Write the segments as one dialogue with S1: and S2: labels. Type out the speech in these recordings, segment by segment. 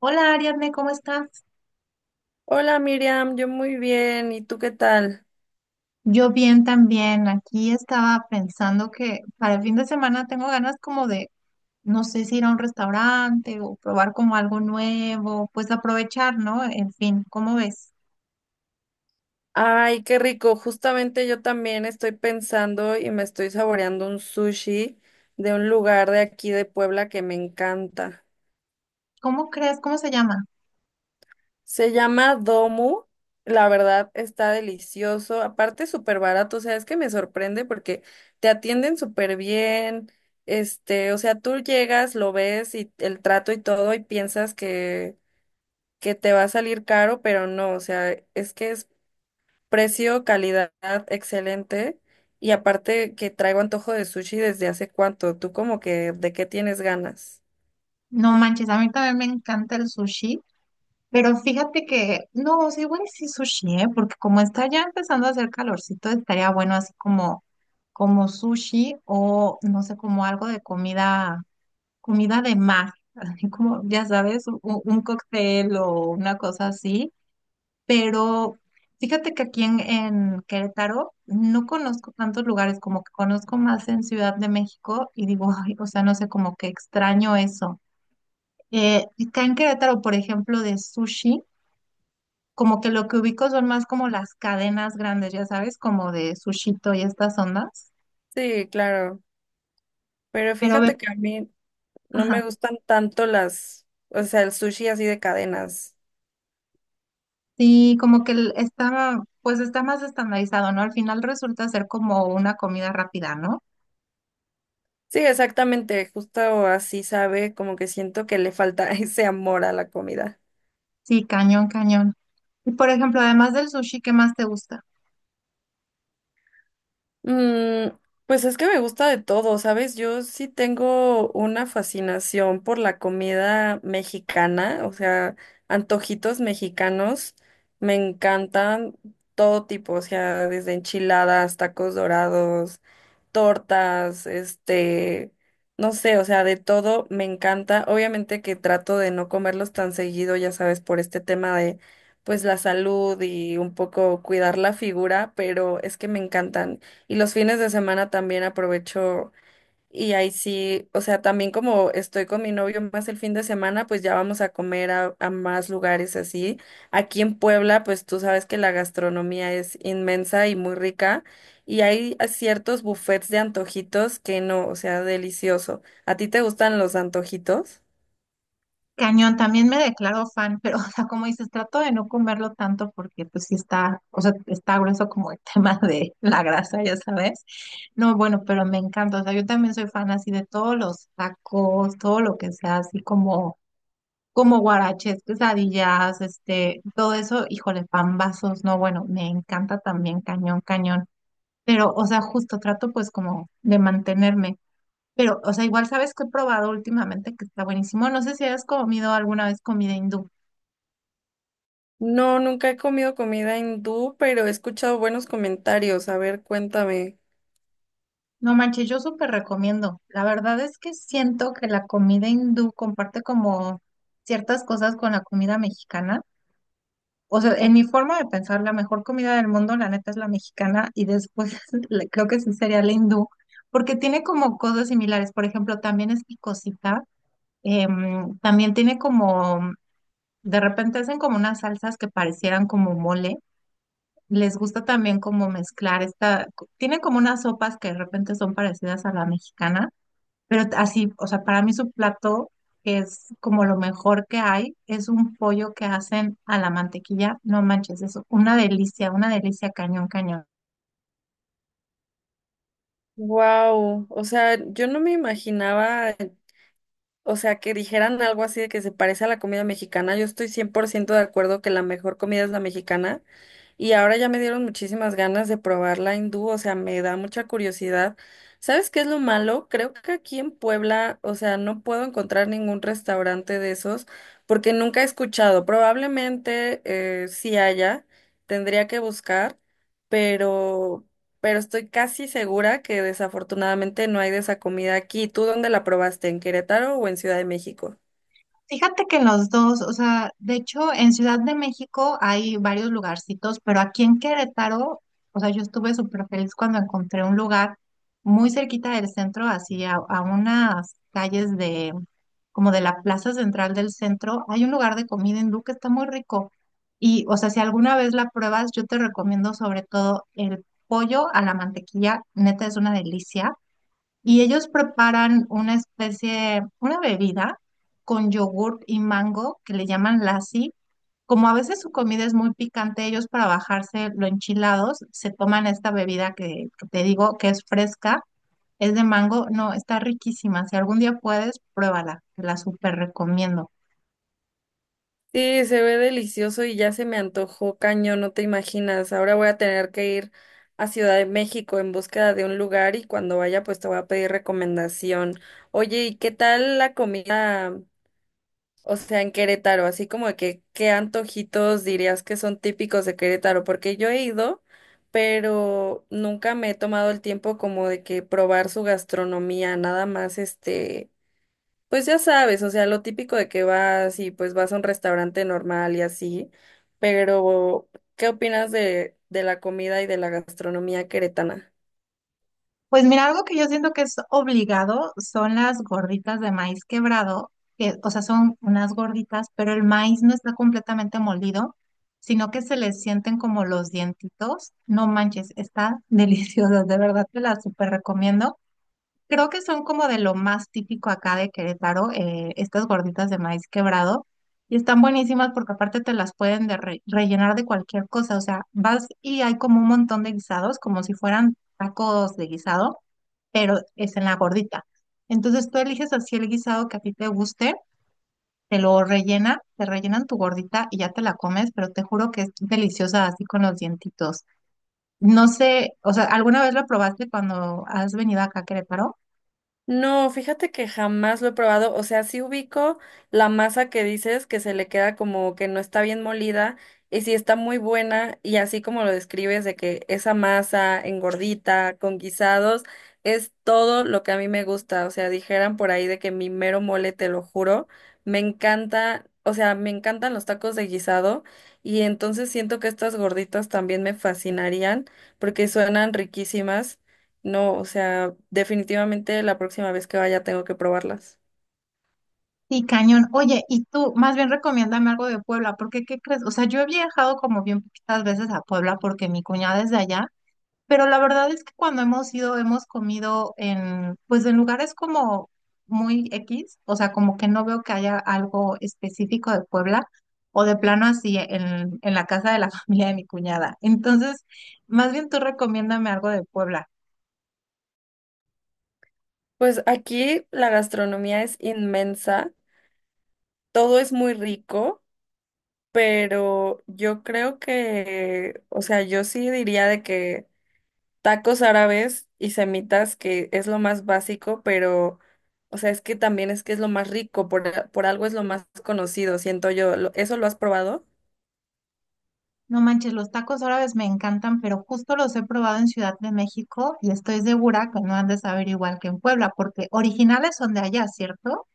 S1: Hola Ariadne, ¿cómo estás?
S2: Hola Miriam, yo muy bien, ¿y tú qué tal?
S1: Yo bien también. Aquí estaba pensando que para el fin de semana tengo ganas como de, no sé si ir a un restaurante o probar como algo nuevo, pues aprovechar, ¿no? En fin, ¿cómo ves?
S2: Ay, qué rico, justamente yo también estoy pensando y me estoy saboreando un sushi de un lugar de aquí de Puebla que me encanta.
S1: ¿Cómo crees? ¿Cómo se llama?
S2: Se llama Domu, la verdad está delicioso, aparte súper barato, o sea, es que me sorprende porque te atienden súper bien, o sea, tú llegas, lo ves y el trato y todo y piensas que te va a salir caro, pero no, o sea, es que es precio, calidad, excelente. Y aparte que traigo antojo de sushi desde hace cuánto. ¿Tú como que de qué tienes ganas?
S1: No manches, a mí también me encanta el sushi, pero fíjate que, no, sí, igual y sí sushi, ¿eh? Porque como está ya empezando a hacer calorcito, estaría bueno así como, como sushi o no sé, como algo de comida, comida de mar, así como, ya sabes, un cóctel o una cosa así, pero fíjate que aquí en Querétaro no conozco tantos lugares, como que conozco más en Ciudad de México y digo, ay, o sea, no sé, como que extraño eso. Acá en Querétaro, por ejemplo, de sushi, como que lo que ubico son más como las cadenas grandes, ya sabes, como de Sushito y estas ondas,
S2: Sí, claro. Pero
S1: pero ve,
S2: fíjate que a mí no me
S1: ajá.
S2: gustan tanto las, o sea, el sushi así de cadenas.
S1: Sí, como que está, pues está más estandarizado, ¿no? Al final resulta ser como una comida rápida, ¿no?
S2: Sí, exactamente. Justo así sabe, como que siento que le falta ese amor a la comida.
S1: Sí, cañón, cañón. Y por ejemplo, además del sushi, ¿qué más te gusta?
S2: Mm, pues es que me gusta de todo, ¿sabes? Yo sí tengo una fascinación por la comida mexicana, o sea, antojitos mexicanos me encantan todo tipo, o sea, desde enchiladas, tacos dorados, tortas, no sé, o sea, de todo me encanta. Obviamente que trato de no comerlos tan seguido, ya sabes, por este tema de pues la salud y un poco cuidar la figura, pero es que me encantan. Y los fines de semana también aprovecho y ahí sí, o sea, también como estoy con mi novio más el fin de semana, pues ya vamos a comer a más lugares así. Aquí en Puebla, pues tú sabes que la gastronomía es inmensa y muy rica y hay a ciertos buffets de antojitos que no, o sea, delicioso. ¿A ti te gustan los antojitos?
S1: Cañón, también me declaro fan, pero o sea, como dices, trato de no comerlo tanto porque, pues sí está, o sea, está grueso como el tema de la grasa, ya sabes. No, bueno, pero me encanta, o sea, yo también soy fan así de todos los tacos, todo lo que sea así como como guaraches, quesadillas, este, todo eso, híjole, pambazos, no, bueno, me encanta también cañón, cañón. Pero, o sea, justo trato pues como de mantenerme. Pero, o sea, igual sabes que he probado últimamente que está buenísimo. No sé si has comido alguna vez comida hindú.
S2: No, nunca he comido comida hindú, pero he escuchado buenos comentarios. A ver, cuéntame.
S1: No manches, yo súper recomiendo. La verdad es que siento que la comida hindú comparte como ciertas cosas con la comida mexicana. O sea, en mi forma de pensar, la mejor comida del mundo, la neta, es la mexicana y después creo que sí sería la hindú, porque tiene como cosas similares. Por ejemplo, también es picosita, también tiene como, de repente hacen como unas salsas que parecieran como mole. Les gusta también como mezclar esta, tiene como unas sopas que de repente son parecidas a la mexicana pero así, o sea, para mí su plato, que es como lo mejor que hay, es un pollo que hacen a la mantequilla. No manches, es una delicia cañón, cañón.
S2: Wow, o sea, yo no me imaginaba. O sea, que dijeran algo así de que se parece a la comida mexicana. Yo estoy 100% de acuerdo que la mejor comida es la mexicana y ahora ya me dieron muchísimas ganas de probar la hindú, o sea, me da mucha curiosidad. ¿Sabes qué es lo malo? Creo que aquí en Puebla, o sea, no puedo encontrar ningún restaurante de esos porque nunca he escuchado. Probablemente sí haya, tendría que buscar, pero, pero estoy casi segura que desafortunadamente no hay de esa comida aquí. ¿Tú dónde la probaste? ¿En Querétaro o en Ciudad de México?
S1: Fíjate que los dos, o sea, de hecho en Ciudad de México hay varios lugarcitos, pero aquí en Querétaro, o sea, yo estuve súper feliz cuando encontré un lugar muy cerquita del centro, así a unas calles de, como de la plaza central del centro, hay un lugar de comida hindú que está muy rico. Y, o sea, si alguna vez la pruebas, yo te recomiendo sobre todo el pollo a la mantequilla, neta es una delicia. Y ellos preparan una especie, una bebida con yogurt y mango que le llaman lassi. Como a veces su comida es muy picante, ellos para bajarse lo enchilados se toman esta bebida que te digo que es fresca, es de mango, no, está riquísima. Si algún día puedes, pruébala, te la súper recomiendo.
S2: Sí, se ve delicioso y ya se me antojó cañón, no te imaginas. Ahora voy a tener que ir a Ciudad de México en búsqueda de un lugar y cuando vaya pues te voy a pedir recomendación. Oye, ¿y qué tal la comida, o sea, en Querétaro? Así como de que, ¿qué antojitos dirías que son típicos de Querétaro? Porque yo he ido, pero nunca me he tomado el tiempo como de que probar su gastronomía, nada más pues ya sabes, o sea, lo típico de que vas y pues vas a un restaurante normal y así, pero ¿qué opinas de la comida y de la gastronomía queretana?
S1: Pues mira, algo que yo siento que es obligado son las gorditas de maíz quebrado, que, o sea, son unas gorditas, pero el maíz no está completamente molido, sino que se le sienten como los dientitos. No manches, está delicioso, de verdad te las súper recomiendo. Creo que son como de lo más típico acá de Querétaro, estas gorditas de maíz quebrado. Y están buenísimas porque aparte te las pueden de rellenar de cualquier cosa. O sea, vas y hay como un montón de guisados, como si fueran tacos de guisado pero es en la gordita. Entonces tú eliges así el guisado que a ti te guste, te lo rellena, te rellenan tu gordita y ya te la comes, pero te juro que es deliciosa así con los dientitos. No sé, o sea, ¿alguna vez lo probaste cuando has venido acá a Querétaro?
S2: No, fíjate que jamás lo he probado, o sea, sí ubico la masa que dices que se le queda como que no está bien molida y sí está muy buena y así como lo describes de que esa masa engordita con guisados es todo lo que a mí me gusta, o sea, dijeran por ahí de que mi mero mole, te lo juro, me encanta, o sea, me encantan los tacos de guisado y entonces siento que estas gorditas también me fascinarían porque suenan riquísimas. No, o sea, definitivamente la próxima vez que vaya tengo que probarlas.
S1: Sí, cañón. Oye, y tú, más bien recomiéndame algo de Puebla, porque ¿qué crees? O sea, yo he viajado como bien poquitas veces a Puebla porque mi cuñada es de allá. Pero la verdad es que cuando hemos ido, hemos comido en, pues en lugares como muy X, o sea, como que no veo que haya algo específico de Puebla, o de plano así en la casa de la familia de mi cuñada. Entonces, más bien tú recomiéndame algo de Puebla.
S2: Pues aquí la gastronomía es inmensa, todo es muy rico, pero yo creo que, o sea, yo sí diría de que tacos árabes y semitas, que es lo más básico, pero, o sea, es que también es que es lo más rico, por algo es lo más conocido, siento yo. Lo- ¿Eso lo has probado?
S1: No manches, los tacos árabes me encantan, pero justo los he probado en Ciudad de México y estoy segura que no han de saber igual que en Puebla, porque originales son de allá, ¿cierto?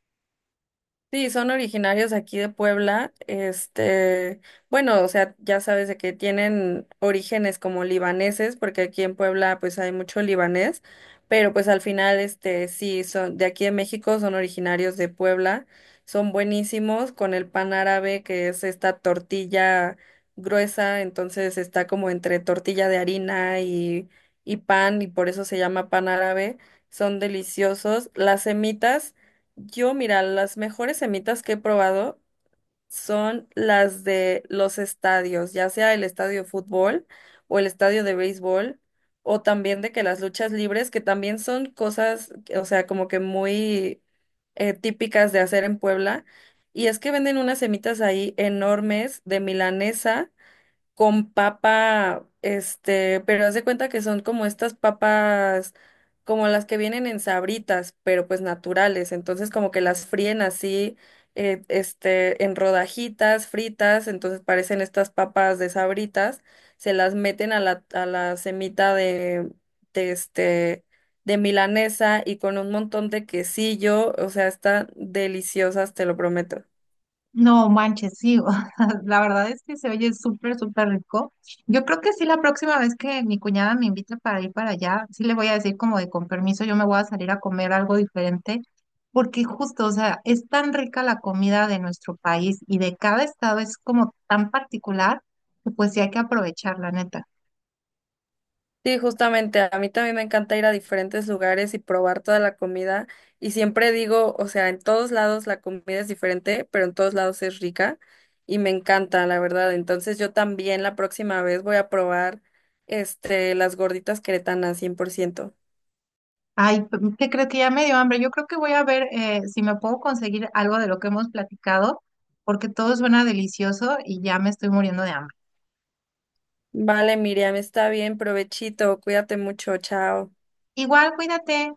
S2: Sí, son originarios aquí de Puebla. Bueno, o sea, ya sabes de que tienen orígenes como libaneses, porque aquí en Puebla pues hay mucho libanés, pero pues al final sí son de aquí de México, son originarios de Puebla. Son buenísimos con el pan árabe, que es esta tortilla gruesa, entonces está como entre tortilla de harina y pan y por eso se llama pan árabe. Son deliciosos. Las semitas yo, mira, las mejores semitas que he probado son las de los estadios, ya sea el estadio de fútbol o el estadio de béisbol, o también de que las luchas libres, que también son cosas, o sea, como que muy típicas de hacer en Puebla. Y es que venden unas semitas ahí enormes de milanesa con papa, pero haz de cuenta que son como estas papas, como las que vienen en sabritas, pero pues naturales. Entonces como que las fríen así, en rodajitas fritas, entonces parecen estas papas de sabritas, se las meten a la semita de de milanesa y con un montón de quesillo, o sea, están deliciosas, te lo prometo.
S1: No manches, sí, o sea, la verdad es que se oye súper, súper rico. Yo creo que sí, la próxima vez que mi cuñada me invite para ir para allá, sí le voy a decir como de con permiso, yo me voy a salir a comer algo diferente, porque justo, o sea, es tan rica la comida de nuestro país y de cada estado es como tan particular, que pues sí hay que aprovechar, la neta.
S2: Sí, justamente, a mí también me encanta ir a diferentes lugares y probar toda la comida. Y siempre digo, o sea, en todos lados la comida es diferente, pero en todos lados es rica y me encanta, la verdad. Entonces yo también la próxima vez voy a probar las gorditas queretanas, 100%.
S1: Ay, ¿qué crees que ya me dio hambre? Yo creo que voy a ver si me puedo conseguir algo de lo que hemos platicado, porque todo suena delicioso y ya me estoy muriendo de hambre.
S2: Vale, Miriam, está bien, provechito, cuídate mucho, chao.
S1: Igual, cuídate.